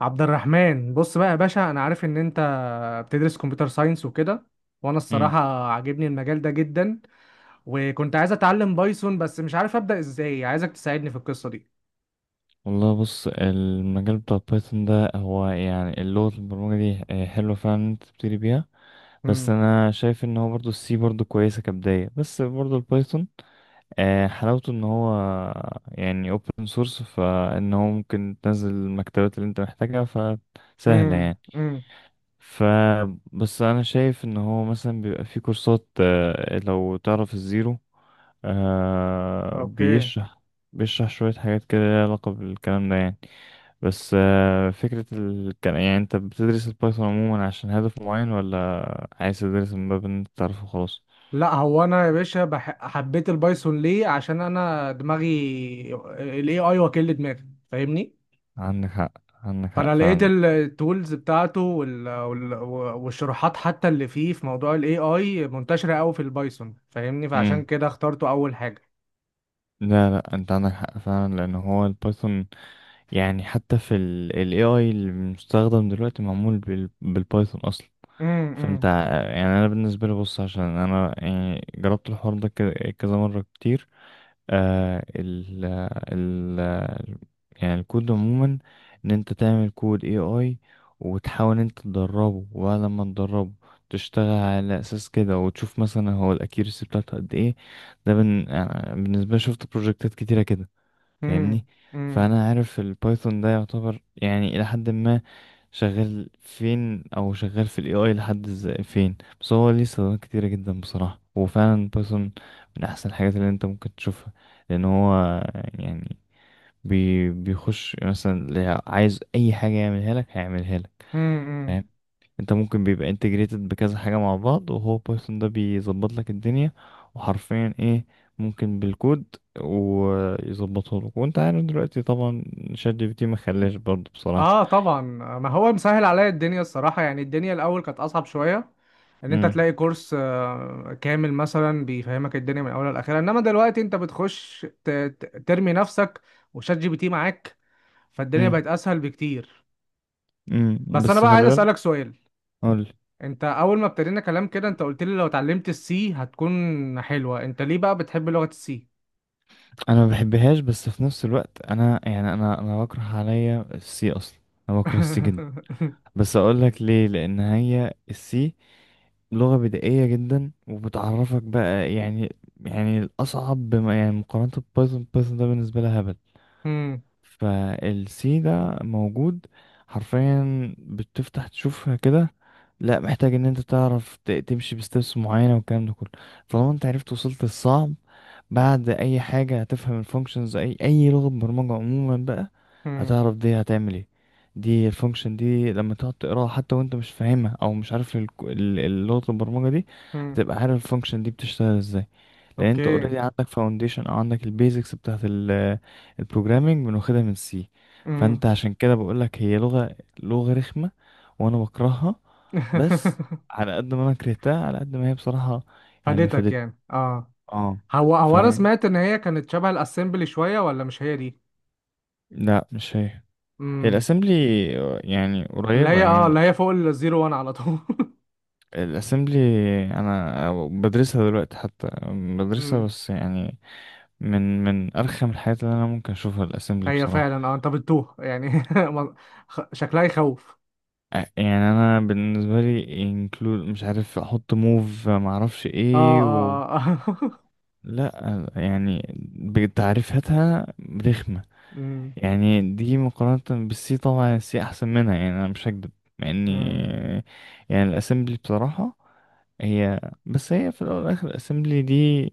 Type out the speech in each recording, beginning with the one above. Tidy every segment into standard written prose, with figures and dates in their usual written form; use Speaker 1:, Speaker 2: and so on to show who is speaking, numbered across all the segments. Speaker 1: عبد الرحمن، بص بقى يا باشا، انا عارف ان انت بتدرس كمبيوتر ساينس وكده. وانا
Speaker 2: مم.
Speaker 1: الصراحة عاجبني المجال ده جدا. وكنت عايز اتعلم بايثون، بس مش عارف ابدأ ازاي. عايزك تساعدني في القصة دي.
Speaker 2: والله، بص، المجال بتاع بايثون ده هو يعني اللغة البرمجة دي حلوة فعلا إن انت تبتدي بيها. بس
Speaker 1: امم
Speaker 2: انا شايف ان هو برضو السي برضو كويسة كبداية، بس برضو البايثون حلاوته ان هو يعني open source، فان هو ممكن تنزل المكتبات اللي انت محتاجها، فسهلة
Speaker 1: امم
Speaker 2: يعني.
Speaker 1: امم
Speaker 2: ف بس انا شايف ان هو مثلا بيبقى فيه كورسات، لو تعرف الزيرو،
Speaker 1: اوكي.
Speaker 2: بيشرح. شوية حاجات كده ليها علاقة بالكلام ده يعني. بس فكرة كان، يعني انت بتدرس البايثون عموما عشان هدف معين، ولا عايز تدرس من باب ان انت تعرفه خلاص؟
Speaker 1: لا، هو انا يا باشا حبيت البايثون ليه؟ عشان انا دماغي الاي اي، وكيل دماغي، فاهمني.
Speaker 2: عندك حق، عندك حق
Speaker 1: فانا لقيت
Speaker 2: فعلا.
Speaker 1: التولز بتاعته والشروحات حتى اللي فيه في موضوع الاي اي منتشره قوي في البايثون، فاهمني، فعشان
Speaker 2: امم
Speaker 1: كده اخترته اول حاجه.
Speaker 2: لا لا، انت عندك حق فعلا، لان هو البايثون يعني حتى في ال AI المستخدم دلوقتي معمول بالبايثون اصلا. فانت
Speaker 1: امم
Speaker 2: يعني انا بالنسبة لي، بص، عشان انا يعني جربت الحوار ده كذا مرة كتير. آه ال ال يعني الكود عموما، ان انت تعمل كود اي اي، وتحاول إن انت تدربه، وبعد ما تدربه تشتغل على اساس كده، وتشوف مثلا هو الاكيرسي بتاعته قد ايه. بالنسبه لي شفت بروجكتات كتيره كده، فاهمني.
Speaker 1: امم امم
Speaker 2: فانا عارف البايثون ده يعتبر يعني الى حد ما شغال فين، او شغال في الاي اي لحد ازاي فين، بس هو ليه استخدامات كتيرة جدا بصراحة، وفعلا بايثون من احسن الحاجات اللي انت ممكن تشوفها. لان هو يعني بيخش مثلا، اللي عايز اي حاجة يعملها لك هيعملها لك.
Speaker 1: امم
Speaker 2: فاهم؟ انت ممكن بيبقى انتجريتد بكذا حاجة مع بعض، وهو بايثون ده بيظبط لك الدنيا، وحرفيا ايه، ممكن بالكود ويظبطه لك. وانت عارف دلوقتي طبعا شات جي بي تي ما خلاش برضه بصراحة.
Speaker 1: اه، طبعا. ما هو مسهل عليا الدنيا الصراحه، يعني الدنيا الاول كانت اصعب شويه. ان انت
Speaker 2: امم
Speaker 1: تلاقي كورس كامل مثلا بيفهمك الدنيا من اولها لاخرها، انما دلوقتي انت بتخش ترمي نفسك وشات جي بي تي معاك، فالدنيا بقت اسهل بكتير.
Speaker 2: امم.
Speaker 1: بس انا
Speaker 2: بس
Speaker 1: بقى عايز
Speaker 2: خلي بالك.
Speaker 1: اسالك سؤال.
Speaker 2: اقول.
Speaker 1: انت اول ما ابتدينا كلام كده انت قلت لي لو اتعلمت السي هتكون حلوة، انت ليه بقى بتحب لغة السي؟
Speaker 2: انا ما بحبهاش، بس في نفس الوقت انا يعني انا بكره عليا السي اصلا، انا بكره السي جدا. بس اقول لك ليه. لان هي السي لغة بدائية جدا، وبتعرفك بقى يعني الأصعب، بما يعني مقارنة ببايثون، بايثون ده بالنسبة لها هبل.
Speaker 1: مم،
Speaker 2: فالسي ده موجود حرفيا، بتفتح تشوفها كده، لا محتاج ان انت تعرف تمشي بستبس معينة، والكلام ده كله. طالما انت عرفت وصلت الصعب، بعد اي حاجه هتفهم الفانكشنز، اي لغه برمجه عموما بقى.
Speaker 1: مم،
Speaker 2: هتعرف دي هتعمل ايه. دي الفانكشن دي لما تقعد تقراها حتى وانت مش فاهمها، او مش عارف لغه البرمجه دي،
Speaker 1: مم.
Speaker 2: هتبقى عارف الفانكشن دي بتشتغل ازاي، لان انت
Speaker 1: اوكي.
Speaker 2: اوريدي عندك فاونديشن، او عندك البيزكس بتاعت البروجرامنج، بناخدها من سي.
Speaker 1: مم.
Speaker 2: فانت عشان كده بقولك هي لغه، رخمه، وانا بكرهها. بس على قد ما انا كرهتها، على قد ما هي بصراحه يعني
Speaker 1: فادتك
Speaker 2: فادت،
Speaker 1: يعني؟ اه.
Speaker 2: اه.
Speaker 1: هو انا سمعت ان هي كانت شبه الاسمبلي شوية، ولا مش هي دي؟
Speaker 2: لا مش هي. هي
Speaker 1: مم.
Speaker 2: الاسمبلي، يعني
Speaker 1: اللي
Speaker 2: قريبة
Speaker 1: هي اه اللي
Speaker 2: يعني.
Speaker 1: هي فوق الزيرو وان على طول.
Speaker 2: الاسمبلي انا بدرسها دلوقتي، حتى بدرسها،
Speaker 1: مم.
Speaker 2: بس يعني من ارخم الحاجات اللي انا ممكن اشوفها الاسمبلي
Speaker 1: هي
Speaker 2: بصراحة.
Speaker 1: فعلا، انت بتتوه يعني. ما- شكلها يخوف.
Speaker 2: يعني انا بالنسبة لي انكلود، مش عارف احط موف، ما اعرفش
Speaker 1: اه،
Speaker 2: ايه و...
Speaker 1: اه، اه.
Speaker 2: لا يعني بتعريفاتها رخمة. يعني دي مقارنة بالسي، طبعا السي احسن منها، يعني انا مش هكدب. مع
Speaker 1: مم.
Speaker 2: اني يعني الاسمبلي بصراحة هي، بس هي في الاول والاخر الاسمبلي دي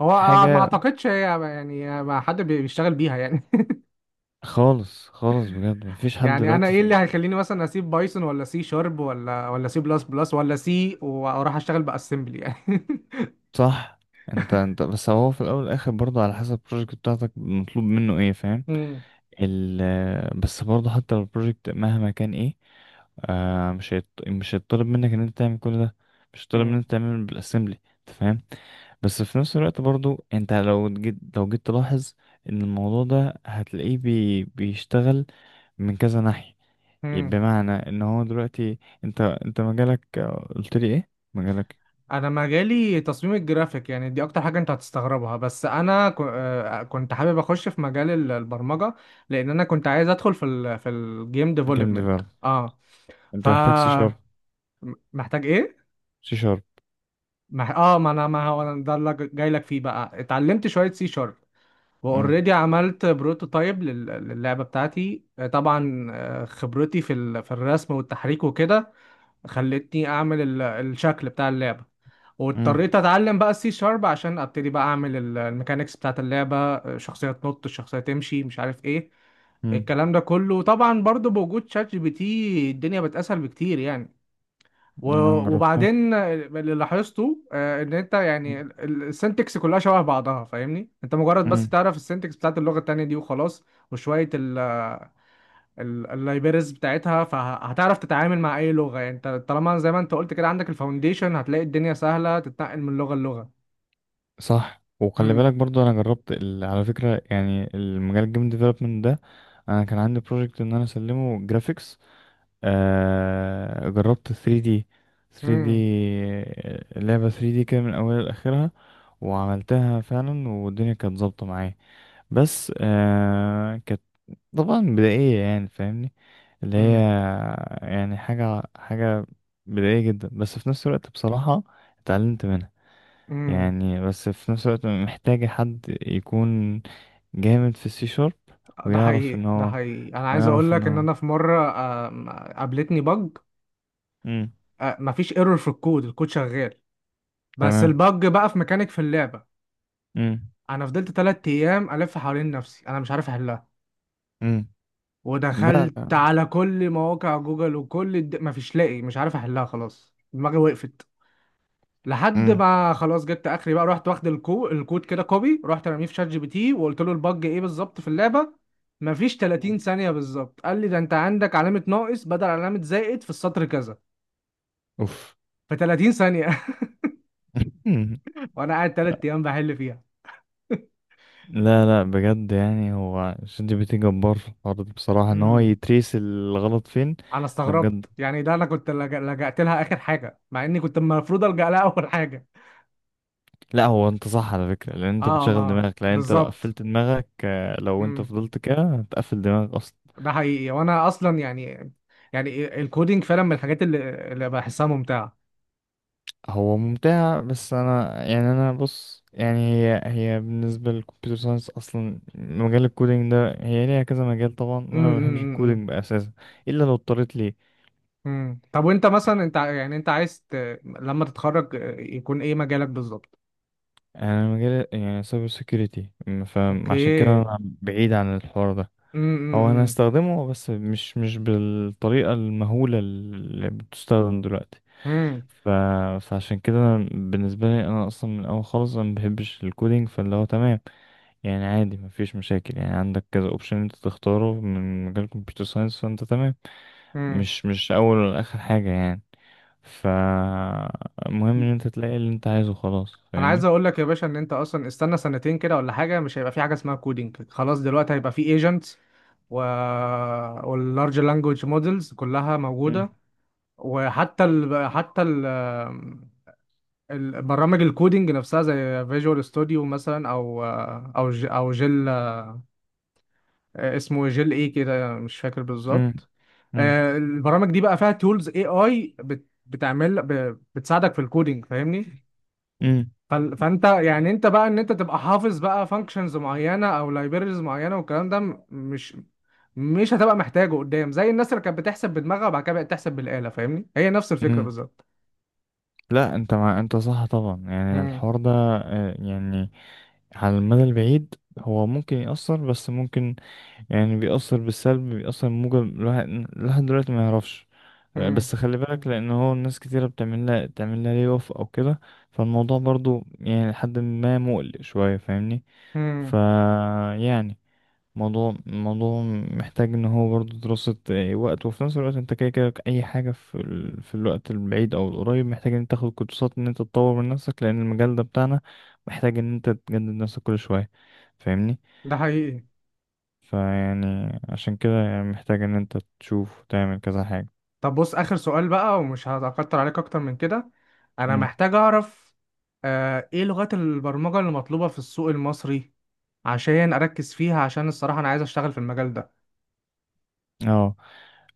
Speaker 1: هو ما
Speaker 2: حاجه.
Speaker 1: اعتقدش هي، يعني ما حد بيشتغل بيها يعني.
Speaker 2: خالص خالص، بجد مفيش حد
Speaker 1: يعني انا
Speaker 2: دلوقتي
Speaker 1: ايه اللي
Speaker 2: في.
Speaker 1: هيخليني مثلا اسيب بايثون ولا سي شارب ولا سي بلس بلس ولا سي واروح اشتغل باسمبلي يعني؟
Speaker 2: صح. انت بس هو في الاول والاخر برضه على حسب البروجكت بتاعتك مطلوب منه ايه. فاهم؟
Speaker 1: مم.
Speaker 2: ال بس برضه حتى لو البروجكت مهما كان ايه، مش هيطلب منك ان انت تعمل كل ده، مش هيطلب
Speaker 1: مم.
Speaker 2: منك تعمل بالاسمبلي. انت فاهم. بس في نفس الوقت برضو انت لو جيت، تلاحظ ان الموضوع ده هتلاقيه بيشتغل من كذا ناحية.
Speaker 1: مم.
Speaker 2: بمعنى ان هو دلوقتي انت، مجالك، قلت لي ايه مجالك.
Speaker 1: انا مجالي تصميم الجرافيك، يعني دي اكتر حاجه انت هتستغربها، بس انا كنت حابب اخش في مجال البرمجه، لان انا كنت عايز ادخل في الجيم
Speaker 2: جيم
Speaker 1: ديفلوبمنت،
Speaker 2: ديفلوب،
Speaker 1: اه. ف
Speaker 2: انت محتاج سي شارب.
Speaker 1: محتاج ايه؟
Speaker 2: سي شارب.
Speaker 1: مح... اه ما انا، ما هو أنا ده اللي جاي لك فيه بقى. اتعلمت شويه سي شارب
Speaker 2: امم
Speaker 1: واوريدي عملت بروتوتايب للعبة بتاعتي، طبعا خبرتي في في الرسم والتحريك وكده خلتني اعمل الشكل بتاع اللعبة.
Speaker 2: امم
Speaker 1: واضطريت اتعلم بقى السي شارب عشان ابتدي بقى اعمل الميكانيكس بتاعت اللعبة، شخصية تنط، شخصية تمشي، مش عارف ايه.
Speaker 2: امم.
Speaker 1: الكلام ده كله طبعا برضو بوجود شات جي بي تي الدنيا بتسهل بكتير يعني. و-
Speaker 2: انا جربتها.
Speaker 1: وبعدين اللي لاحظته، ان انت يعني السنتكس كلها شبه بعضها، فاهمني؟ انت مجرد بس
Speaker 2: امم.
Speaker 1: تعرف السنتكس بتاعت اللغة التانية دي وخلاص، وشوية اللايبرز بتاعتها، فهتعرف تتعامل مع اي لغة، يعني انت طالما زي ما انت قلت كده عندك الفاونديشن، هتلاقي الدنيا سهلة تتنقل من لغة للغة.
Speaker 2: صح، وخلي بالك
Speaker 1: امم
Speaker 2: برضو انا جربت على فكره يعني، المجال الجيم ديفلوبمنت ده، انا كان عندي بروجكت ان انا اسلمه جرافيكس. جربت 3D. 3D،
Speaker 1: امم
Speaker 2: لعبه 3D كده من اولها لاخرها، وعملتها فعلا، والدنيا كانت ظابطه معايا. بس كانت طبعا بدائية يعني، فاهمني. اللي هي
Speaker 1: امم
Speaker 2: يعني حاجة حاجة بدائية جدا، بس في نفس الوقت بصراحة اتعلمت منها.
Speaker 1: امم
Speaker 2: يعني بس في نفس الوقت محتاجة حد يكون جامد في السي شارب،
Speaker 1: ده
Speaker 2: ويعرف ان
Speaker 1: حقيقي، ده
Speaker 2: هو،
Speaker 1: حقيقي، انا عايز اقول
Speaker 2: ويعرف ان
Speaker 1: لك ان
Speaker 2: هو.
Speaker 1: انا في مرة قابلتني بج.
Speaker 2: امم،
Speaker 1: مفيش ايرور في الكود، الكود شغال، بس
Speaker 2: تمام.
Speaker 1: البج بقى في ميكانيك في اللعبة.
Speaker 2: امم،
Speaker 1: انا فضلت تلات ايام الف حوالين نفسي انا مش عارف احلها،
Speaker 2: امم. لا،
Speaker 1: ودخلت
Speaker 2: لا.
Speaker 1: على كل مواقع جوجل وكل مفيش لاقي، مش عارف احلها، خلاص دماغي وقفت. لحد
Speaker 2: امم.
Speaker 1: ما خلاص جبت اخري بقى، رحت واخد الكود كده كوبي، رحت رميه في شات جي بي تي وقلت له البج ايه بالظبط في اللعبه. مفيش 30 ثانيه بالظبط قال لي ده انت عندك علامه ناقص بدل علامه زائد في السطر كذا.
Speaker 2: اوف.
Speaker 1: في 30 ثانيه! وانا قاعد تلات ايام بحل فيها.
Speaker 2: لا لا، بجد يعني هو شات جي بي تي جبار في الحوار ده بصراحة، ان هو
Speaker 1: امم
Speaker 2: يتريس الغلط فين.
Speaker 1: انا
Speaker 2: ده بجد.
Speaker 1: استغربت يعني، ده انا كنت لجأت لها اخر حاجه مع اني كنت المفروض الجأ لها اول حاجه.
Speaker 2: لا، هو انت صح على فكرة، لان انت
Speaker 1: اه،
Speaker 2: بتشغل
Speaker 1: ما
Speaker 2: دماغك، لان انت لو
Speaker 1: بالظبط.
Speaker 2: قفلت دماغك، لو انت
Speaker 1: امم
Speaker 2: فضلت كده هتقفل دماغك اصلا.
Speaker 1: ده حقيقي، وانا اصلا يعني الكودينج فعلا من الحاجات اللي، اللي بحسها ممتعه.
Speaker 2: هو ممتع، بس انا يعني انا بص يعني هي بالنسبة للكمبيوتر ساينس اصلا مجال الكودينج ده، هي ليها كذا مجال طبعا. وانا
Speaker 1: امم،
Speaker 2: ما
Speaker 1: امم،
Speaker 2: بحبش
Speaker 1: امم، إمم.
Speaker 2: الكودينج اساسا، الا لو اضطريت ليه.
Speaker 1: إمم. طب وانت مثلا انت يعني انت عايز لما تتخرج، يكون ايه مجالك بالظبط؟
Speaker 2: يعني انا مجال يعني سايبر سيكيورتي،
Speaker 1: اوكي.
Speaker 2: فعشان كده
Speaker 1: امم،
Speaker 2: انا بعيد عن الحوار ده. هو انا
Speaker 1: امم،
Speaker 2: هستخدمه، بس مش بالطريقه المهوله اللي بتستخدم دلوقتي.
Speaker 1: امم،
Speaker 2: ف... فعشان كده أنا بالنسبه لي، انا اصلا من الاول خالص انا ما بحبش الكودينج، فاللي هو تمام، يعني عادي ما فيش مشاكل. يعني عندك كذا اوبشن انت تختاره من مجال كمبيوتر ساينس، فانت تمام.
Speaker 1: إمم،
Speaker 2: مش اول ولا اخر حاجه يعني. فالمهم ان
Speaker 1: إمم.
Speaker 2: انت تلاقي اللي انت عايزه خلاص،
Speaker 1: انا عايز
Speaker 2: فاهمني.
Speaker 1: اقول لك يا باشا، ان انت اصلا استنى سنتين كده ولا حاجه مش هيبقى في حاجه اسمها كودينج خلاص، دلوقتي هيبقى في ايجنتس و... واللارج لانجوج مودلز كلها
Speaker 2: مم.
Speaker 1: موجوده، وحتى البرامج الكودينج نفسها زي فيجوال ستوديو مثلا، او جيل. اسمه جيل ايه كده مش فاكر
Speaker 2: مم.
Speaker 1: بالظبط.
Speaker 2: مم.
Speaker 1: البرامج دي بقى فيها تولز اي اي بتعمل بتساعدك في الكودينج، فاهمني.
Speaker 2: مم.
Speaker 1: فانت يعني، انت بقى ان انت تبقى حافظ بقى فانكشنز معينه او لايبريز معينه، والكلام ده مش هتبقى محتاجه قدام، زي الناس اللي كانت بتحسب بدماغها وبعد كده بقت تحسب بالاله، فاهمني، هي نفس الفكره
Speaker 2: مم.
Speaker 1: بالظبط.
Speaker 2: لا، انت انت صح طبعا، يعني
Speaker 1: مم،
Speaker 2: الحوار ده يعني على المدى البعيد هو ممكن يأثر، بس ممكن يعني بيأثر بالسلب، بيأثر بموجب الواحد، لحد دلوقتي ما يعرفش.
Speaker 1: مم،
Speaker 2: بس خلي بالك، لأن هو الناس كتيرة بتعمل لها، تعمل لها لي اوف أو كده. فالموضوع برضو يعني لحد ما مقلق شوية، فاهمني. ف
Speaker 1: مم.
Speaker 2: يعني موضوع محتاج ان هو برضه دراسة، وقت. وفي نفس الوقت انت كده كده اي حاجة في الوقت البعيد او القريب، محتاج ان انت تاخد كورسات، ان انت تطور من نفسك، لان المجال ده بتاعنا محتاج ان انت تجدد نفسك كل شوية، فاهمني.
Speaker 1: ده حقيقي.
Speaker 2: فيعني عشان كده يعني محتاج ان انت تشوف وتعمل كذا حاجة.
Speaker 1: طب بص، اخر سؤال بقى ومش هتكتر عليك اكتر من كده، انا
Speaker 2: مم.
Speaker 1: محتاج اعرف ايه لغات البرمجه اللي مطلوبه في السوق المصري، عشان اركز فيها، عشان الصراحه انا عايز اشتغل في المجال ده.
Speaker 2: اه،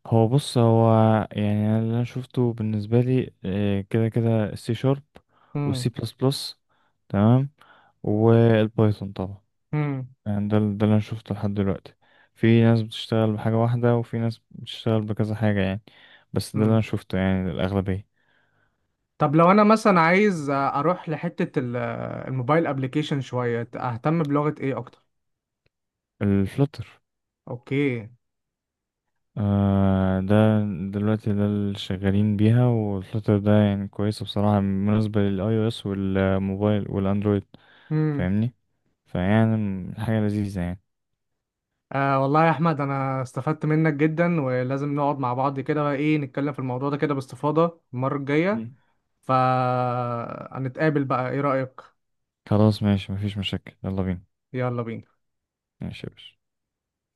Speaker 2: هو بص، هو يعني أنا اللي انا شفته بالنسبة لي، كده كده السي شارب،
Speaker 1: مم،
Speaker 2: والسي بلس بلس، تمام، والبايثون طبعا.
Speaker 1: مم،
Speaker 2: يعني ده ده اللي انا شفته لحد دلوقتي. في ناس بتشتغل بحاجة واحدة، وفي ناس بتشتغل بكذا حاجة يعني، بس ده اللي
Speaker 1: مم.
Speaker 2: انا شفته يعني الأغلبية.
Speaker 1: طب لو انا مثلا عايز اروح لحتة الموبايل ابليكيشن، شوية اهتم بلغة ايه اكتر؟
Speaker 2: الفلتر.
Speaker 1: اوكي.
Speaker 2: ده دلوقتي ده اللي شغالين بيها، والفلتر ده يعني كويسة بصراحة بالنسبة للاي او اس والموبايل والاندرويد،
Speaker 1: امم.
Speaker 2: فاهمني. فيعني حاجة لذيذة يعني.
Speaker 1: آه، والله يا احمد، انا استفدت منك جدا، ولازم نقعد مع بعض كده بقى ايه، نتكلم في الموضوع ده كده باستفاضة المرة الجاية.
Speaker 2: مم.
Speaker 1: فهنتقابل بقى، ايه رأيك؟
Speaker 2: خلاص ماشي، مفيش مشاكل، يلا بينا.
Speaker 1: يلا بينا.
Speaker 2: ماشي يا باشا.